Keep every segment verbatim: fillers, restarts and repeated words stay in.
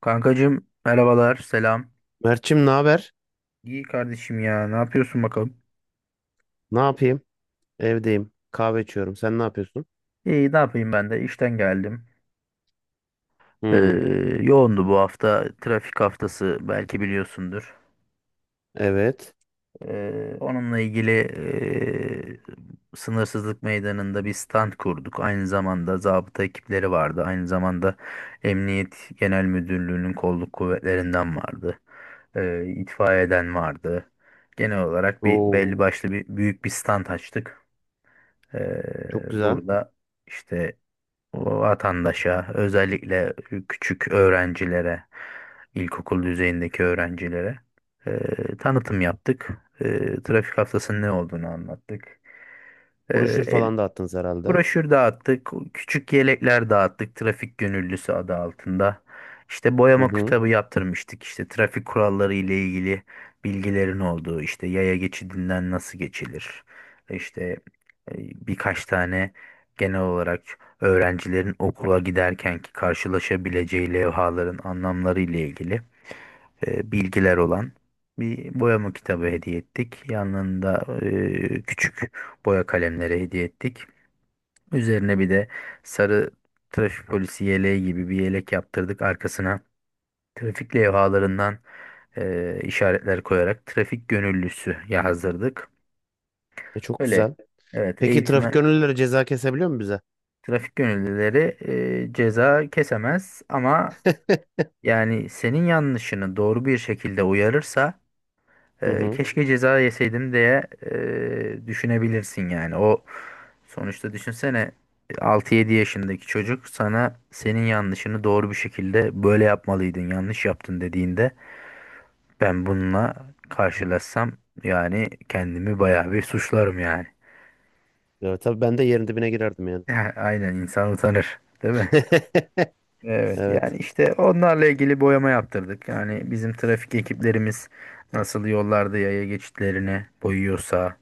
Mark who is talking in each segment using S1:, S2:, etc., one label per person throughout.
S1: Kankacığım merhabalar selam.
S2: Mert'cim, ne haber?
S1: İyi kardeşim ya ne yapıyorsun bakalım?
S2: Ne yapayım? Evdeyim. Kahve içiyorum. Sen ne yapıyorsun?
S1: İyi ne yapayım ben de işten geldim. Ee,
S2: Hmm.
S1: yoğundu bu hafta trafik haftası belki biliyorsundur.
S2: Evet.
S1: Ee, onunla ilgili ee, sınırsızlık meydanında bir stand kurduk. Aynı zamanda zabıta ekipleri vardı. Aynı zamanda Emniyet Genel Müdürlüğü'nün kolluk kuvvetlerinden vardı. Ee, itfaiyeden vardı. Genel olarak bir
S2: Oo,
S1: belli başlı bir büyük bir stand açtık.
S2: çok
S1: Ee,
S2: güzel.
S1: burada işte vatandaşa özellikle küçük öğrencilere, ilkokul düzeyindeki öğrencilere e, tanıtım yaptık. E, trafik haftasının ne olduğunu anlattık. E,
S2: Broşür
S1: el-
S2: falan da attınız herhalde.
S1: Broşür dağıttık, küçük yelekler dağıttık trafik gönüllüsü adı altında. İşte
S2: Hı
S1: boyama
S2: hı.
S1: kitabı yaptırmıştık işte trafik kuralları ile ilgili bilgilerin olduğu işte yaya geçidinden nasıl geçilir. İşte e, birkaç tane genel olarak öğrencilerin okula giderkenki karşılaşabileceği levhaların anlamları ile ilgili e, bilgiler olan bir boyama kitabı hediye ettik. Yanında e, küçük boya kalemleri hediye ettik. Üzerine bir de sarı trafik polisi yeleği gibi bir yelek yaptırdık. Arkasına trafik levhalarından e, işaretler koyarak trafik gönüllüsü yazdırdık.
S2: E, çok
S1: Öyle,
S2: güzel.
S1: evet. Ne
S2: Peki, trafik
S1: güzel.
S2: gönüllüleri ceza kesebiliyor mu bize?
S1: Trafik gönüllüleri e, ceza kesemez ama yani senin yanlışını doğru bir şekilde uyarırsa
S2: Hı
S1: e,
S2: hı.
S1: keşke ceza yeseydim diye e, düşünebilirsin yani. O sonuçta düşünsene, altı yedi yaşındaki çocuk sana senin yanlışını doğru bir şekilde böyle yapmalıydın, yanlış yaptın dediğinde, ben bununla karşılaşsam yani kendimi bayağı bir suçlarım yani.
S2: Evet, tabii ben de yerin dibine girerdim yani.
S1: Aynen, insan utanır, değil mi? Evet,
S2: Evet.
S1: yani işte onlarla ilgili boyama yaptırdık. Yani bizim trafik ekiplerimiz nasıl yollarda yaya geçitlerini boyuyorsa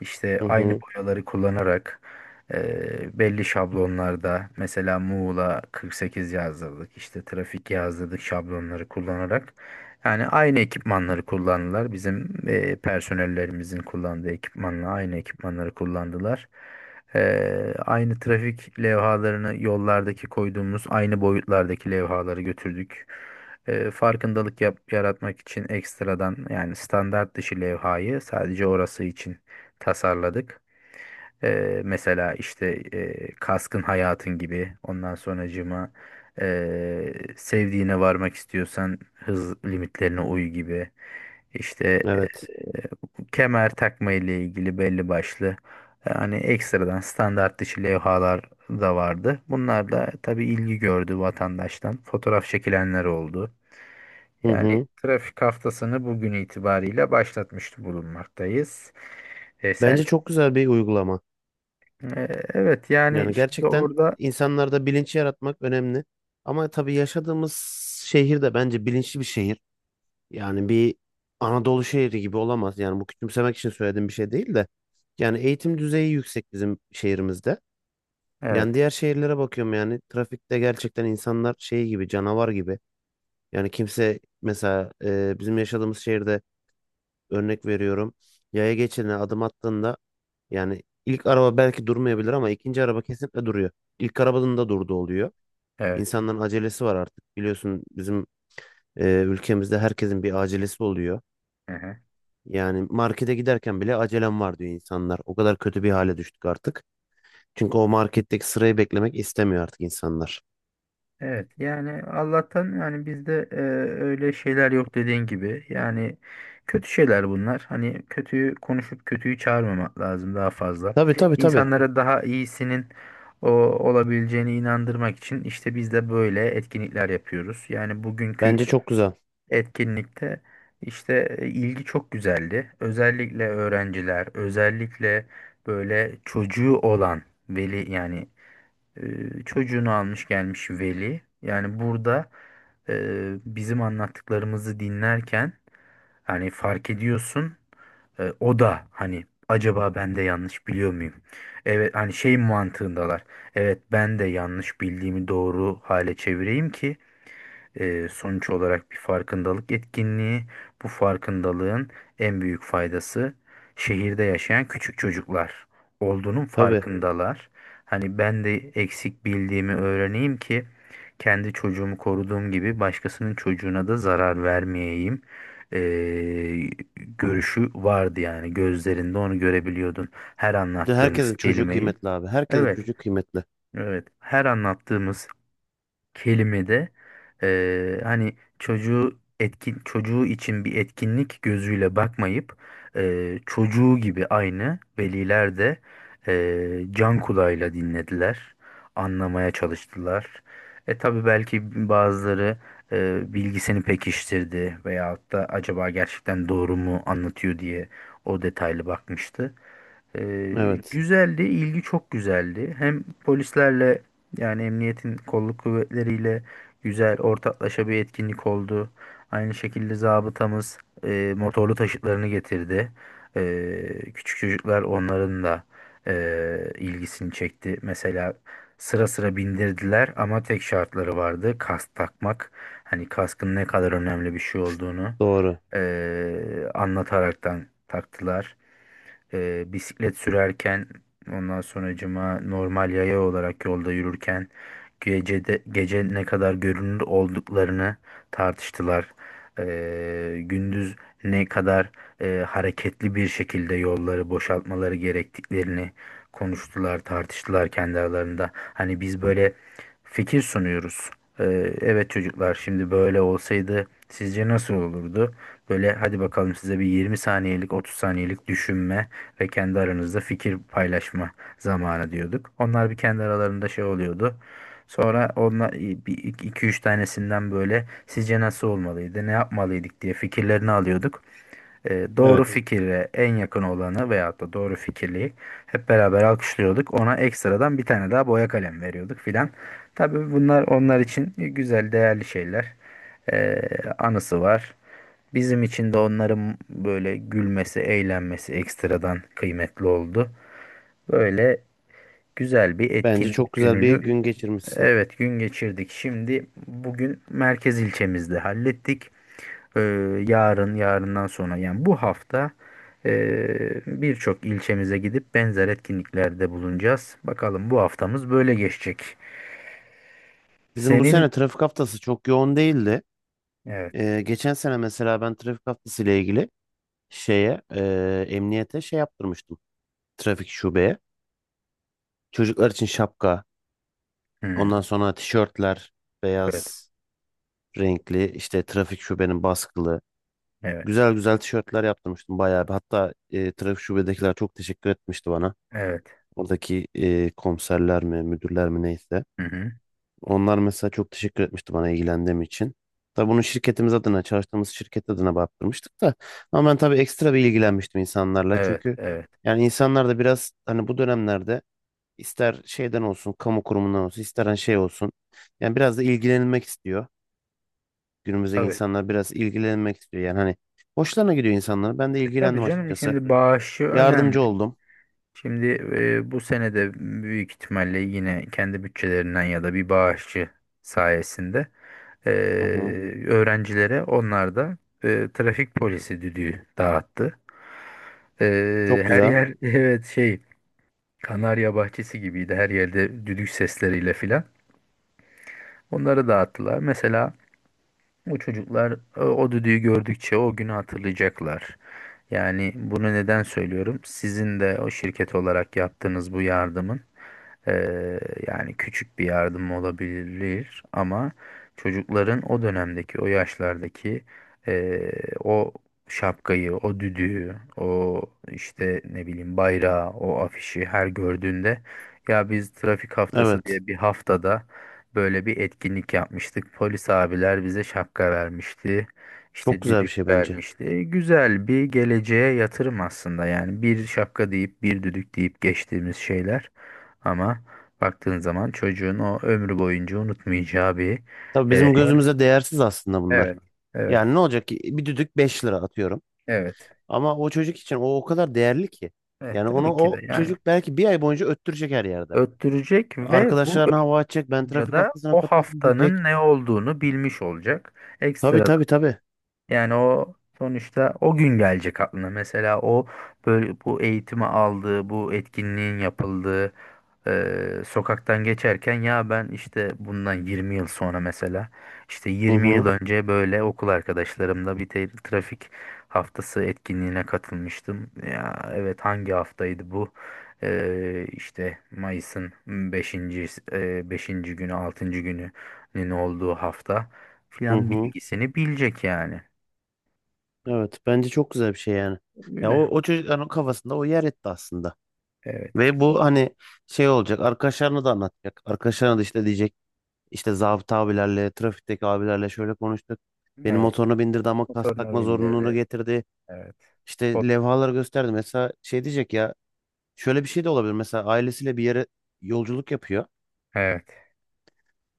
S1: işte
S2: Hı
S1: aynı
S2: hı.
S1: boyaları kullanarak e, belli şablonlarda mesela Muğla kırk sekiz yazdırdık işte trafik yazdırdık şablonları kullanarak. Yani aynı ekipmanları kullandılar. Bizim e, personellerimizin kullandığı ekipmanla aynı ekipmanları kullandılar. Ee, aynı trafik levhalarını yollardaki koyduğumuz aynı boyutlardaki levhaları götürdük. Ee, farkındalık yap- yaratmak için ekstradan yani standart dışı levhayı sadece orası için tasarladık. Eee, mesela işte eee, kaskın hayatın gibi, ondan sonracığıma eee sevdiğine varmak istiyorsan hız limitlerine uy gibi işte
S2: Evet.
S1: eee, kemer takma ile ilgili belli başlı yani ekstradan standart dışı levhalar da vardı. Bunlar da tabii ilgi gördü vatandaştan. Fotoğraf çekilenler oldu.
S2: Hı
S1: Yani
S2: hı.
S1: trafik haftasını bugün itibariyle başlatmış bulunmaktayız. E,
S2: Bence
S1: sen
S2: çok güzel bir uygulama.
S1: ee, Evet, yani
S2: Yani
S1: şimdi
S2: gerçekten
S1: orada.
S2: insanlarda bilinç yaratmak önemli. Ama tabii yaşadığımız şehir de bence bilinçli bir şehir. Yani bir Anadolu şehri gibi olamaz. Yani bu küçümsemek için söylediğim bir şey değil de. Yani eğitim düzeyi yüksek bizim şehrimizde.
S1: Evet.
S2: Yani diğer şehirlere bakıyorum, yani trafikte gerçekten insanlar şey gibi, canavar gibi. Yani kimse mesela e, bizim yaşadığımız şehirde örnek veriyorum. Yaya geçidine adım attığında yani ilk araba belki durmayabilir ama ikinci araba kesinlikle duruyor. İlk arabanın da durduğu oluyor.
S1: Evet.
S2: İnsanların acelesi var artık. Biliyorsun, bizim e, ülkemizde herkesin bir acelesi oluyor.
S1: Aha.
S2: Yani markete giderken bile acelem var diyor insanlar. O kadar kötü bir hale düştük artık. Çünkü o marketteki sırayı beklemek istemiyor artık insanlar.
S1: Evet, yani Allah'tan yani bizde e, öyle şeyler yok dediğin gibi yani, kötü şeyler bunlar, hani kötüyü konuşup kötüyü çağırmamak lazım. Daha fazla
S2: Tabii, tabii, tabii.
S1: insanlara daha iyisinin o olabileceğine inandırmak için işte biz de böyle etkinlikler yapıyoruz yani. Bugünkü
S2: Bence çok güzel.
S1: etkinlikte işte e, ilgi çok güzeldi. Özellikle öğrenciler, özellikle böyle çocuğu olan veli yani e, çocuğunu almış gelmiş veli. Yani burada e, bizim anlattıklarımızı dinlerken hani fark ediyorsun e, o da hani acaba ben de yanlış biliyor muyum? Evet, hani şey mantığındalar. Evet, ben de yanlış bildiğimi doğru hale çevireyim ki, ee, sonuç olarak bir farkındalık etkinliği. Bu farkındalığın en büyük faydası, şehirde yaşayan küçük çocuklar olduğunun
S2: Tabii.
S1: farkındalar. Hani ben de eksik bildiğimi öğreneyim ki kendi çocuğumu koruduğum gibi başkasının çocuğuna da zarar vermeyeyim. Ee, görüşü vardı yani, gözlerinde onu görebiliyordun her
S2: Bir de
S1: anlattığımız
S2: herkesin çocuğu
S1: kelimeyi.
S2: kıymetli abi. Herkesin
S1: Evet,
S2: çocuğu kıymetli.
S1: evet. Her anlattığımız kelimede eee, hani çocuğu etkin, çocuğu için bir etkinlik gözüyle bakmayıp eee, çocuğu gibi aynı veliler de eee, can kulağıyla dinlediler, anlamaya çalıştılar. E tabii belki bazıları eee, bilgisini pekiştirdi veyahut da acaba gerçekten doğru mu anlatıyor diye o detaylı bakmıştı. Ee,
S2: Evet.
S1: güzeldi, ilgi çok güzeldi. Hem polislerle yani emniyetin kolluk kuvvetleriyle güzel ortaklaşa bir etkinlik oldu. Aynı şekilde zabıtamız e, motorlu taşıtlarını getirdi. E, küçük çocuklar onların da e, ilgisini çekti. Mesela sıra sıra bindirdiler ama tek şartları vardı. Kask takmak. Hani kaskın ne kadar önemli bir şey olduğunu
S2: Doğru.
S1: e, anlataraktan taktılar. Ee, bisiklet sürerken ondan sonracıma normal yaya olarak yolda yürürken, gecede, gece ne kadar görünür olduklarını tartıştılar. Ee, gündüz ne kadar e, hareketli bir şekilde yolları boşaltmaları gerektiklerini konuştular, tartıştılar kendi aralarında. Hani biz böyle fikir sunuyoruz. Ee, evet çocuklar, şimdi böyle olsaydı sizce nasıl olurdu? Böyle hadi bakalım, size bir yirmi saniyelik otuz saniyelik düşünme ve kendi aranızda fikir paylaşma zamanı diyorduk. Onlar bir kendi aralarında şey oluyordu. Sonra onlar bir iki üç tanesinden böyle sizce nasıl olmalıydı, ne yapmalıydık diye fikirlerini alıyorduk. E, doğru
S2: Evet.
S1: fikire en yakın olanı veyahut da doğru fikirliği hep beraber alkışlıyorduk. Ona ekstradan bir tane daha boya kalem veriyorduk filan. Tabii bunlar onlar için güzel, değerli şeyler. E, anısı var. Bizim için de onların böyle gülmesi, eğlenmesi ekstradan kıymetli oldu. Böyle güzel bir
S2: Bence çok
S1: etkinlik
S2: güzel bir
S1: gününü
S2: gün geçirmişsin.
S1: evet gün geçirdik. Şimdi bugün merkez ilçemizde hallettik. Ee, yarın, yarından sonra yani bu hafta e, birçok ilçemize gidip benzer etkinliklerde bulunacağız. Bakalım bu haftamız böyle geçecek.
S2: Bizim bu
S1: Senin
S2: sene trafik haftası çok yoğun değildi.
S1: evet.
S2: Ee, geçen sene mesela ben trafik haftası ile ilgili şeye, e, emniyete şey yaptırmıştım. Trafik şubeye. Çocuklar için şapka,
S1: Hmm.
S2: ondan sonra tişörtler,
S1: Evet.
S2: beyaz renkli, işte trafik şubenin baskılı.
S1: Evet.
S2: Güzel güzel tişörtler yaptırmıştım bayağı bir. Hatta e, trafik şubedekiler çok teşekkür etmişti bana.
S1: Evet.
S2: Oradaki e, komiserler mi, müdürler mi, neyse.
S1: Hı hı.
S2: Onlar mesela çok teşekkür etmişti bana ilgilendiğim için. Tabii bunu şirketimiz adına, çalıştığımız şirket adına baktırmıştık da. Ama ben tabii ekstra bir ilgilenmiştim insanlarla.
S1: Evet.
S2: Çünkü
S1: Evet.
S2: yani insanlar da biraz hani bu dönemlerde ister şeyden olsun, kamu kurumundan olsun, ister hani şey olsun. Yani biraz da ilgilenilmek istiyor. Günümüzdeki
S1: Tabii.
S2: insanlar biraz ilgilenmek istiyor. Yani hani hoşlarına gidiyor insanlar. Ben de
S1: Tabii
S2: ilgilendim
S1: canım,
S2: açıkçası.
S1: şimdi bağışı önemli.
S2: Yardımcı oldum.
S1: Şimdi e, bu sene de büyük ihtimalle yine kendi bütçelerinden ya da bir bağışçı sayesinde e,
S2: Hı hı.
S1: öğrencilere onlar da e, trafik polisi düdüğü dağıttı. E,
S2: Çok
S1: her
S2: güzel.
S1: yer evet, şey Kanarya bahçesi gibiydi, her yerde düdük sesleriyle filan. Onları dağıttılar. Mesela bu çocuklar o, o düdüğü gördükçe o günü hatırlayacaklar. Yani bunu neden söylüyorum? Sizin de o şirket olarak yaptığınız bu yardımın, eee, yani küçük bir yardım olabilir ama çocukların o dönemdeki, o yaşlardaki eee, o şapkayı, o düdüğü, o işte ne bileyim bayrağı, o afişi her gördüğünde, ya biz trafik haftası
S2: Evet.
S1: diye bir haftada böyle bir etkinlik yapmıştık. Polis abiler bize şapka vermişti.
S2: Çok
S1: İşte
S2: güzel bir
S1: düdük
S2: şey bence.
S1: vermişti. Güzel bir geleceğe yatırım aslında. Yani bir şapka deyip bir düdük deyip geçtiğimiz şeyler. Ama baktığın zaman çocuğun o ömrü boyunca unutmayacağı bir
S2: Tabii
S1: e,
S2: bizim
S1: hem-
S2: gözümüze değersiz aslında bunlar.
S1: evet, evet,
S2: Yani ne olacak ki bir düdük, beş lira atıyorum.
S1: evet,
S2: Ama o çocuk için o o kadar değerli ki.
S1: evet,
S2: Yani onu
S1: tabii ki de
S2: o
S1: yani
S2: çocuk belki bir ay boyunca öttürecek her yerde.
S1: öttürecek ve bu
S2: Arkadaşlarına hava atacak. Ben
S1: öttürünce
S2: trafik
S1: de
S2: haftasına
S1: o
S2: katıldım
S1: haftanın
S2: diyecek.
S1: ne olduğunu bilmiş olacak.
S2: Tabii,
S1: Ekstra.
S2: tabii, tabii.
S1: Yani o sonuçta o gün gelecek aklına. Mesela o böyle bu eğitimi aldığı, bu etkinliğin yapıldığı eee, sokaktan geçerken, ya ben işte bundan yirmi yıl sonra, mesela işte
S2: Hı
S1: yirmi yıl
S2: hı.
S1: önce böyle okul arkadaşlarımla bir te- trafik haftası etkinliğine katılmıştım. Ya evet, hangi haftaydı bu? Eee, işte Mayıs'ın beşinci beşinci günü, altıncı gününün olduğu hafta
S2: Hı
S1: filan
S2: hı.
S1: bilgisini bilecek yani.
S2: Evet. Bence çok güzel bir şey yani. Ya o,
S1: Öyle.
S2: o çocukların kafasında o yer etti aslında.
S1: Evet.
S2: Ve bu hani şey olacak, arkadaşlarına da anlatacak. Arkadaşlarına da işte diyecek, işte zabıta abilerle, trafikteki abilerle şöyle konuştuk. Benim
S1: Evet.
S2: motoruna bindirdi ama kask
S1: Motorunu
S2: takma zorunluluğunu
S1: bindirdi.
S2: getirdi.
S1: Evet.
S2: İşte
S1: Kod-
S2: levhalar gösterdi. Mesela şey diyecek ya, şöyle bir şey de olabilir. Mesela ailesiyle bir yere yolculuk yapıyor.
S1: Evet.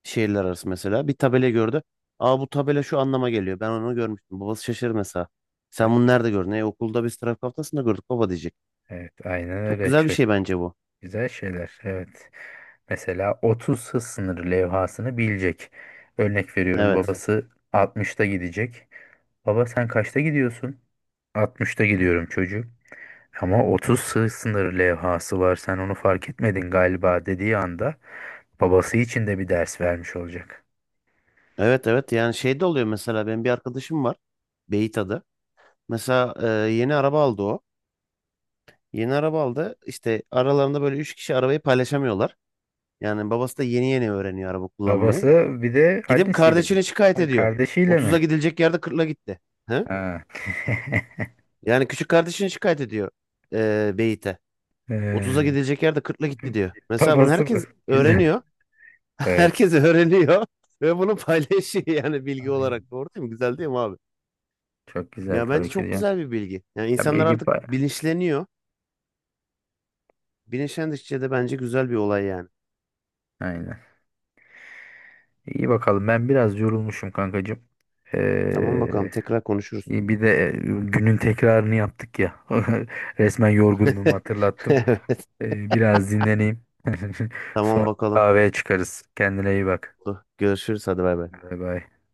S2: Şehirler arası mesela bir tabela gördü. Aa, bu tabela şu anlama geliyor. Ben onu görmüştüm. Babası şaşırır mesela. Sen bunu
S1: Evet.
S2: nerede gördün? E, okulda biz trafik haftasında gördük baba diyecek.
S1: Evet. Aynen
S2: Çok
S1: öyle.
S2: güzel bir
S1: Çok
S2: şey bence bu.
S1: güzel şeyler. Evet. Mesela otuz hız sınırı levhasını bilecek. Örnek veriyorum.
S2: Evet.
S1: Babası altmışta gidecek. Baba sen kaçta gidiyorsun? altmışta gidiyorum çocuğum. Ama otuz hız sınırı levhası var. Sen onu fark etmedin galiba dediği anda babası için de bir ders vermiş olacak.
S2: Evet, evet, yani şey de oluyor mesela, benim bir arkadaşım var. Beyit. Mesela e, yeni araba aldı o. Yeni araba aldı. İşte aralarında böyle üç kişi arabayı paylaşamıyorlar. Yani babası da yeni yeni öğreniyor araba kullanmayı.
S1: Babası bir de
S2: Gidip
S1: annesiyle mi?
S2: kardeşine şikayet
S1: Ha,
S2: ediyor.
S1: kardeşiyle
S2: otuza
S1: mi?
S2: gidilecek yerde kırkla gitti. He?
S1: Ha.
S2: Yani küçük kardeşine şikayet ediyor, e, Beyit'e. otuza
S1: Ee,
S2: gidilecek yerde kırkla gitti diyor. Mesela bunu
S1: babası mı?
S2: herkes
S1: Güzel.
S2: öğreniyor.
S1: Evet.
S2: Herkes öğreniyor. Ve bunu paylaşıyor yani bilgi
S1: Aynen.
S2: olarak. Doğru değil mi? Güzel değil mi abi?
S1: Çok güzel,
S2: Ya bence
S1: tabii ki
S2: çok
S1: diyorsun.
S2: güzel bir bilgi. Yani
S1: Ya
S2: insanlar
S1: bilgi
S2: artık
S1: pay-
S2: bilinçleniyor. Bilinçlendikçe de bence güzel bir olay yani.
S1: Aynen. İyi bakalım. Ben biraz yorulmuşum kankacığım.
S2: Tamam, bakalım,
S1: Ee,
S2: tekrar konuşuruz.
S1: iyi, bir de e, günün tekrarını yaptık ya. Resmen yorgunluğumu hatırlattım.
S2: Evet.
S1: Ee, biraz dinleneyim. Sonra
S2: Tamam bakalım.
S1: kahveye çıkarız. Kendine iyi bak.
S2: Görüşürüz, hadi bay bay.
S1: Bay bay.